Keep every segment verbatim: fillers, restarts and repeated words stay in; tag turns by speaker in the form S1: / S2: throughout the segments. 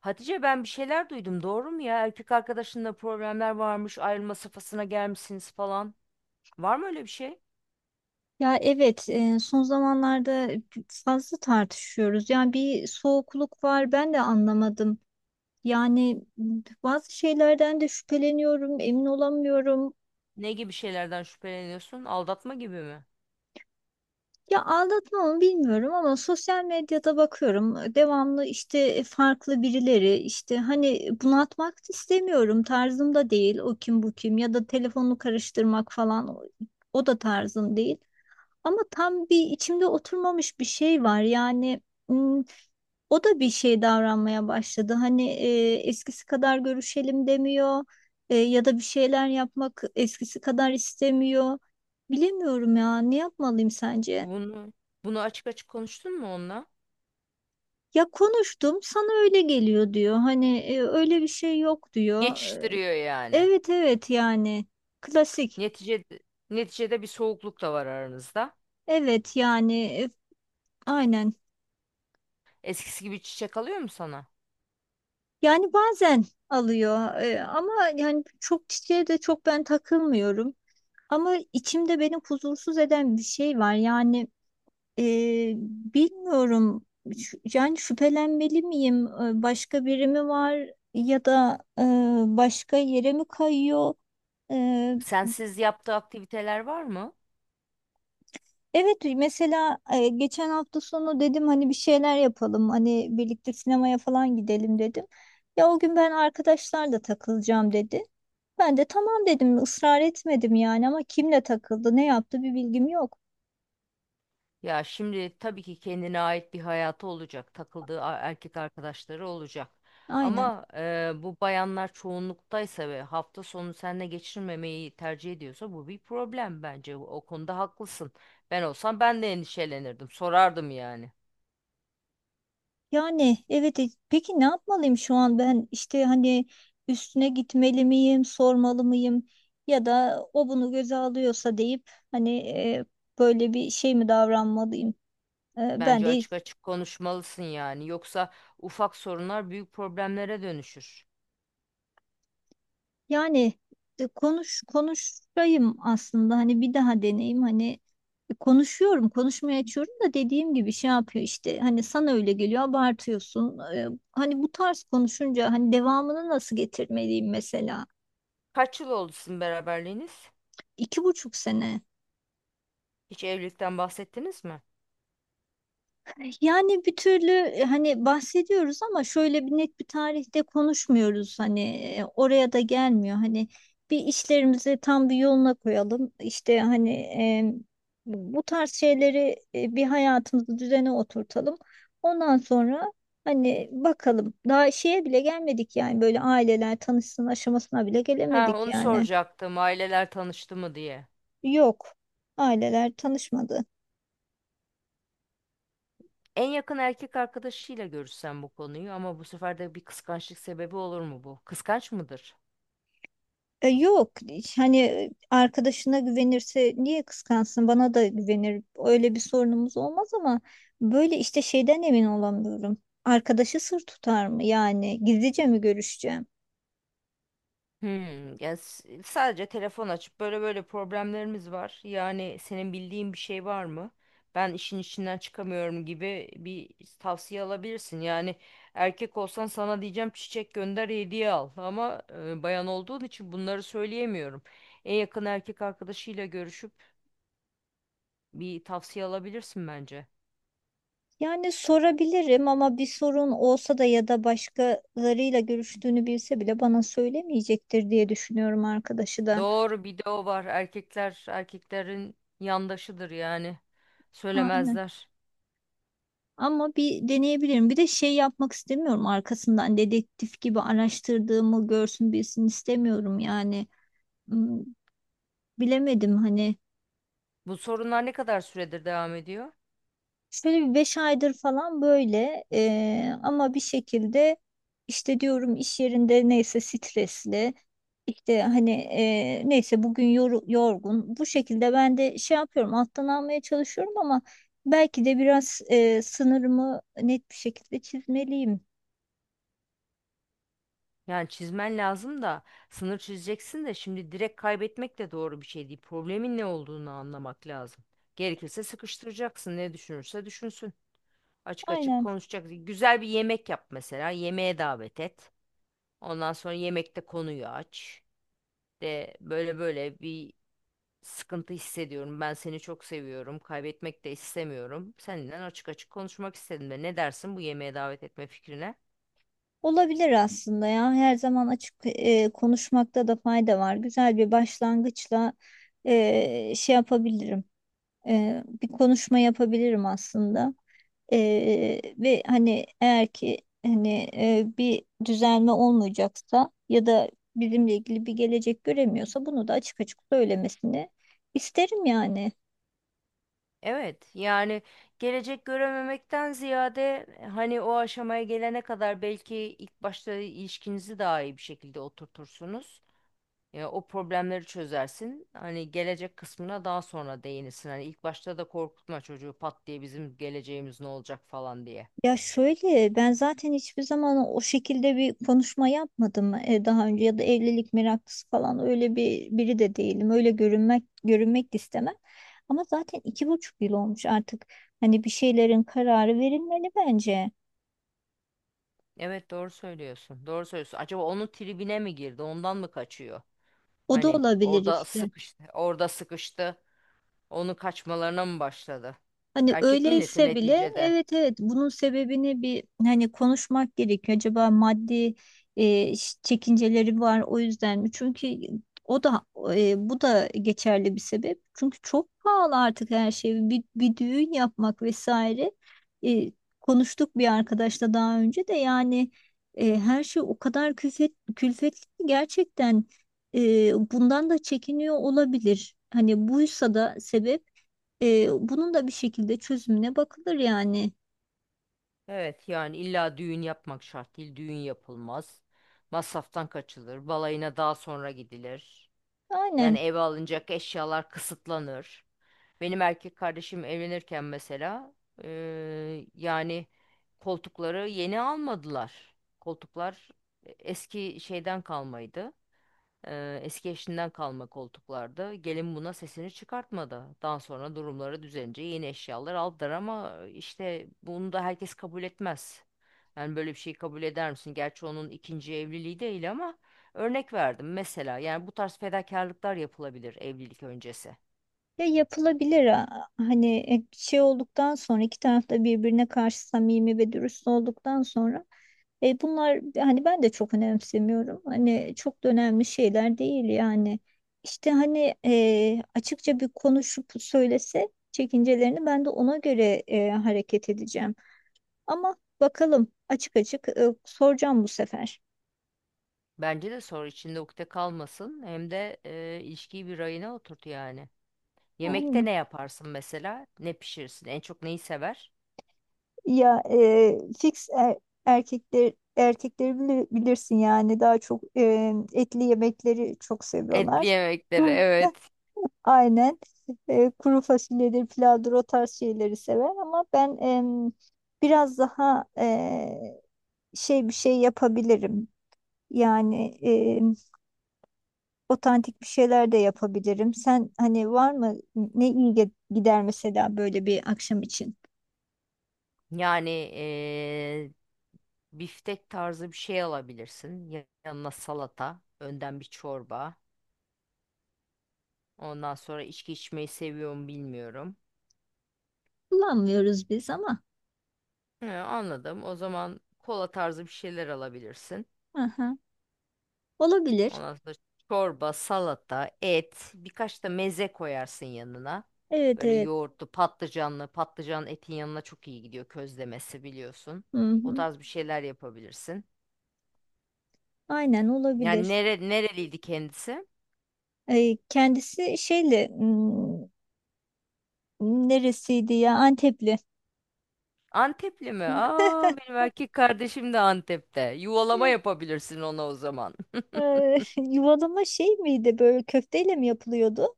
S1: Hatice, ben bir şeyler duydum, doğru mu ya? Erkek arkadaşınla problemler varmış, ayrılma safhasına gelmişsiniz falan. Var mı öyle bir şey?
S2: Ya evet e, son zamanlarda fazla tartışıyoruz. Yani bir soğukluk var, ben de anlamadım. Yani m, bazı şeylerden de şüpheleniyorum, emin olamıyorum.
S1: Ne gibi şeylerden şüpheleniyorsun? Aldatma gibi mi?
S2: Ya aldatma mı bilmiyorum ama sosyal medyada bakıyorum. Devamlı işte farklı birileri, işte hani bunaltmak da istemiyorum. Tarzım da değil, o kim bu kim, ya da telefonu karıştırmak falan, o o da tarzım değil. Ama tam bir içimde oturmamış bir şey var. Yani m, o da bir şey davranmaya başladı. Hani e, eskisi kadar görüşelim demiyor. E, ya da bir şeyler yapmak eskisi kadar istemiyor. Bilemiyorum ya, ne yapmalıyım sence?
S1: Bunu bunu açık açık konuştun mu onunla?
S2: Ya konuştum, sana öyle geliyor diyor. Hani e, öyle bir şey yok diyor.
S1: Geçiştiriyor yani.
S2: Evet, evet, yani klasik.
S1: Neticede neticede bir soğukluk da var aranızda.
S2: Evet yani, e, aynen.
S1: Eskisi gibi çiçek alıyor mu sana?
S2: Yani bazen alıyor e, ama yani çok çiçeğe de çok ben takılmıyorum. Ama içimde beni huzursuz eden bir şey var. Yani e, bilmiyorum. Ş- yani şüphelenmeli miyim? E, Başka biri mi var, ya da e, başka yere mi kayıyor? E,
S1: Sensiz yaptığı aktiviteler var mı?
S2: evet mesela, e, geçen hafta sonu dedim hani bir şeyler yapalım. Hani birlikte sinemaya falan gidelim dedim. Ya o gün ben arkadaşlarla takılacağım dedi. Ben de tamam dedim, ısrar etmedim yani, ama kimle takıldı, ne yaptı bir bilgim yok.
S1: Ya şimdi tabii ki kendine ait bir hayatı olacak, takıldığı a- erkek arkadaşları olacak.
S2: Aynen.
S1: Ama e, bu bayanlar çoğunluktaysa ve hafta sonu seninle geçirmemeyi tercih ediyorsa bu bir problem bence. O o konuda haklısın. Ben olsam ben de endişelenirdim, sorardım yani.
S2: Yani evet, e, peki ne yapmalıyım şu an ben, işte hani üstüne gitmeli miyim, sormalı mıyım, ya da o bunu göze alıyorsa deyip hani e, böyle bir şey mi davranmalıyım? E, ben
S1: Bence
S2: de
S1: açık açık konuşmalısın yani. Yoksa ufak sorunlar büyük problemlere dönüşür.
S2: yani, e, konuş konuşayım aslında, hani bir daha deneyim hani. Konuşuyorum, konuşmaya açıyorum da dediğim gibi şey yapıyor işte, hani sana öyle geliyor abartıyorsun. Ee, hani bu tarz konuşunca hani devamını nasıl getirmeliyim mesela?
S1: Kaç yıl oldu sizin beraberliğiniz?
S2: İki buçuk sene.
S1: Hiç evlilikten bahsettiniz mi?
S2: Yani bir türlü e, hani bahsediyoruz ama şöyle bir net bir tarihte konuşmuyoruz, hani e, oraya da gelmiyor hani, bir işlerimizi tam bir yoluna koyalım, işte hani e, bu tarz şeyleri, e, bir hayatımızı düzene oturtalım ondan sonra, hani bakalım, daha şeye bile gelmedik yani, böyle aileler tanışsın aşamasına bile
S1: Ha,
S2: gelemedik
S1: onu
S2: yani.
S1: soracaktım. Aileler tanıştı mı diye.
S2: Yok, aileler tanışmadı.
S1: En yakın erkek arkadaşıyla görüşsen bu konuyu, ama bu sefer de bir kıskançlık sebebi olur mu bu? Kıskanç mıdır?
S2: E, yok, hani arkadaşına güvenirse niye kıskansın, bana da güvenir, öyle bir sorunumuz olmaz ama böyle işte şeyden emin olamıyorum, arkadaşı sır tutar mı, yani gizlice mi görüşeceğim,
S1: Hmm, yani s- sadece telefon açıp böyle böyle problemlerimiz var. Yani senin bildiğin bir şey var mı? Ben işin içinden çıkamıyorum gibi bir tavsiye alabilirsin. Yani erkek olsan sana diyeceğim çiçek gönder, hediye al. Ama e, bayan olduğun için bunları söyleyemiyorum. En yakın erkek arkadaşıyla görüşüp bir tavsiye alabilirsin bence.
S2: yani sorabilirim ama bir sorun olsa da ya da başkalarıyla görüştüğünü bilse bile bana söylemeyecektir diye düşünüyorum, arkadaşı da
S1: Doğru, bir de o var. Erkekler erkeklerin yandaşıdır yani.
S2: aynen,
S1: Söylemezler.
S2: ama bir deneyebilirim, bir de şey yapmak istemiyorum arkasından, dedektif gibi araştırdığımı görsün bilsin istemiyorum yani. Hmm, Bilemedim hani.
S1: Bu sorunlar ne kadar süredir devam ediyor?
S2: Şöyle bir beş aydır falan böyle, eee, ama bir şekilde işte diyorum, iş yerinde neyse stresli, işte hani eee, neyse bugün yor- yorgun, bu şekilde ben de şey yapıyorum, alttan almaya çalışıyorum ama belki de biraz eee, sınırımı net bir şekilde çizmeliyim.
S1: Yani çizmen lazım da, sınır çizeceksin de, şimdi direkt kaybetmek de doğru bir şey değil. Problemin ne olduğunu anlamak lazım. Gerekirse sıkıştıracaksın. Ne düşünürse düşünsün. Açık açık
S2: Aynen,
S1: konuşacak. Güzel bir yemek yap mesela. Yemeğe davet et. Ondan sonra yemekte konuyu aç. De böyle böyle bir sıkıntı hissediyorum. Ben seni çok seviyorum. Kaybetmek de istemiyorum. Senden açık açık konuşmak istedim, de. Ne dersin bu yemeğe davet etme fikrine?
S2: olabilir aslında ya, her zaman açık eee, konuşmakta da fayda var, güzel bir başlangıçla eee, şey yapabilirim. E, bir konuşma yapabilirim aslında. E, ve hani eğer ki hani, e, bir düzelme olmayacaksa ya da bizimle ilgili bir gelecek göremiyorsa bunu da açık açık söylemesini isterim yani.
S1: Evet, yani gelecek görememekten ziyade e, hani o aşamaya gelene kadar belki ilk başta ilişkinizi daha iyi bir şekilde oturtursunuz. Ya o problemleri çözersin. Hani gelecek kısmına daha sonra değinirsin. Hani ilk başta da korkutma çocuğu pat diye bizim geleceğimiz ne olacak falan diye.
S2: Ya şöyle, ben zaten hiçbir zaman o şekilde bir konuşma yapmadım e, daha önce, ya da evlilik meraklısı falan öyle bir biri de değilim. Öyle görünmek görünmek de istemem. Ama zaten iki buçuk yıl olmuş artık. Hani bir şeylerin kararı verilmeli bence.
S1: Evet, doğru söylüyorsun. Doğru söylüyorsun. Acaba onun tribine mi girdi? Ondan mı kaçıyor?
S2: O da
S1: Hani
S2: olabilir
S1: orada
S2: işte.
S1: sıkıştı. Orada sıkıştı. Onun kaçmalarına mı başladı?
S2: Hani
S1: Erkek milleti
S2: öyleyse bile,
S1: neticede.
S2: evet, evet, bunun sebebini bir hani konuşmak gerekiyor. Acaba maddi e, ş- çekinceleri var, o yüzden mi? Çünkü o da, e, bu da geçerli bir sebep. Çünkü çok pahalı artık her şey. Bir, bir düğün yapmak vesaire. E, Konuştuk bir arkadaşla daha önce de, yani e, her şey o kadar külfet, külfetli ki gerçekten, e, bundan da çekiniyor olabilir. Hani buysa da sebep. Ee, bunun da bir şekilde çözümüne bakılır yani.
S1: Evet yani, illa düğün yapmak şart değil. Düğün yapılmaz. Masraftan kaçılır. Balayına daha sonra gidilir. Yani
S2: Aynen.
S1: eve alınacak eşyalar kısıtlanır. Benim erkek kardeşim evlenirken mesela, eee, yani koltukları yeni almadılar. Koltuklar eski şeyden kalmaydı. Eee, eski eşinden kalma koltuklardı. Gelin buna sesini çıkartmadı. Daha sonra durumları düzelince yeni eşyalar aldılar, ama işte bunu da herkes kabul etmez. Yani böyle bir şeyi kabul eder misin? Gerçi onun ikinci evliliği değil ama örnek verdim mesela. Yani bu tarz fedakarlıklar yapılabilir evlilik öncesi.
S2: Ya yapılabilir, ha- hani e, şey olduktan sonra, iki tarafta birbirine karşı samimi ve dürüst olduktan sonra e, bunlar, hani ben de çok önemsemiyorum. Hani çok da önemli şeyler değil yani. İşte hani e, açıkça bir konuşup söylese çekincelerini, ben de ona göre e, hareket edeceğim. Ama bakalım, açık açık e, soracağım bu sefer.
S1: Bence de soru içinde ukde kalmasın. Hem de e, ilişkiyi bir rayına oturt yani. Yemekte
S2: Yani.
S1: ne yaparsın mesela? Ne pişirirsin? En çok neyi sever?
S2: Ya e, fix e- erkekler erkekleri bili- bilirsin yani, daha çok e, etli yemekleri çok
S1: Etli
S2: seviyorlar.
S1: yemekleri, evet.
S2: Aynen. E, kuru fasulyedir, pilavdır, o tarz şeyleri sever ama ben em, biraz daha e, şey bir şey yapabilirim. Yani em, otantik bir şeyler de yapabilirim. Sen hani var mı ne iyi ge- gider mesela böyle bir akşam için?
S1: Yani e, biftek tarzı bir şey alabilirsin. Ya- Yanına salata, önden bir çorba. Ondan sonra içki içmeyi seviyorum, bilmiyorum.
S2: Kullanmıyoruz biz ama.
S1: He, anladım. O zaman kola tarzı bir şeyler alabilirsin.
S2: Aha. Olabilir.
S1: Ondan sonra çorba, salata, et, birkaç da meze koyarsın yanına.
S2: Evet,
S1: Böyle
S2: evet.
S1: yoğurtlu, patlıcanlı; patlıcan etin yanına çok iyi gidiyor, közlemesi biliyorsun.
S2: Hı
S1: O
S2: hı.
S1: tarz bir şeyler yapabilirsin.
S2: Aynen,
S1: Yani
S2: olabilir.
S1: nere, nereliydi kendisi?
S2: Ee, kendisi şeyli, hmm, neresiydi ya, Antepli.
S1: Antepli mi? Aa, benim erkek kardeşim de Antep'te. Yuvalama yapabilirsin ona o zaman.
S2: Ee, yuvalama şey miydi, böyle köfteyle mi yapılıyordu?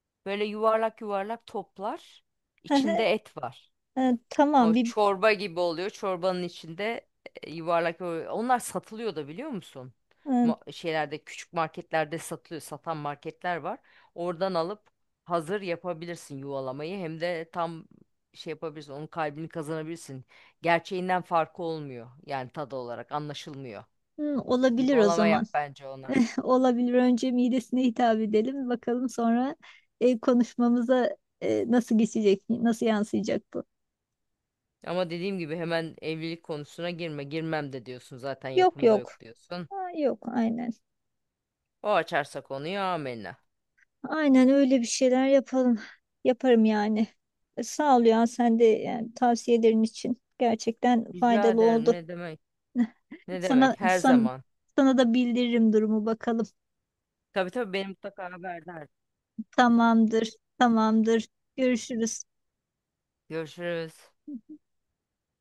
S1: Böyle yuvarlak yuvarlak toplar. İçinde et var.
S2: Ee,
S1: O
S2: Tamam, bir
S1: çorba gibi oluyor. Çorbanın içinde e, yuvarlak böyle- onlar satılıyor da, biliyor musun?
S2: e,
S1: Ma- şeylerde, küçük marketlerde satılıyor. Satan marketler var. Oradan alıp hazır yapabilirsin yuvalamayı. Hem de tam şey yapabilirsin. Onun kalbini kazanabilirsin. Gerçeğinden farkı olmuyor. Yani tadı olarak anlaşılmıyor.
S2: hı, olabilir o
S1: Yuvalama
S2: zaman.
S1: yap bence ona.
S2: Olabilir, önce midesine hitap edelim, bakalım sonra e, konuşmamıza e, nasıl geçecek, nasıl yansıyacak bu?
S1: Ama dediğim gibi hemen evlilik konusuna girme. Girmem de diyorsun zaten,
S2: Yok,
S1: yapımda
S2: yok.
S1: yok diyorsun.
S2: Ha, yok, aynen.
S1: O açarsa konuyu, amenna.
S2: Aynen, öyle bir şeyler yapalım. Yaparım yani. E, Sağ ol ya, sen de yani tavsiyelerin için gerçekten
S1: Rica
S2: faydalı
S1: ederim,
S2: oldu.
S1: ne demek. Ne
S2: Sana
S1: demek? Her
S2: san-
S1: zaman.
S2: sana da bildiririm durumu, bakalım.
S1: Tabii tabii, beni mutlaka haberdar.
S2: Tamamdır. Tamamdır. Görüşürüz.
S1: Görüşürüz.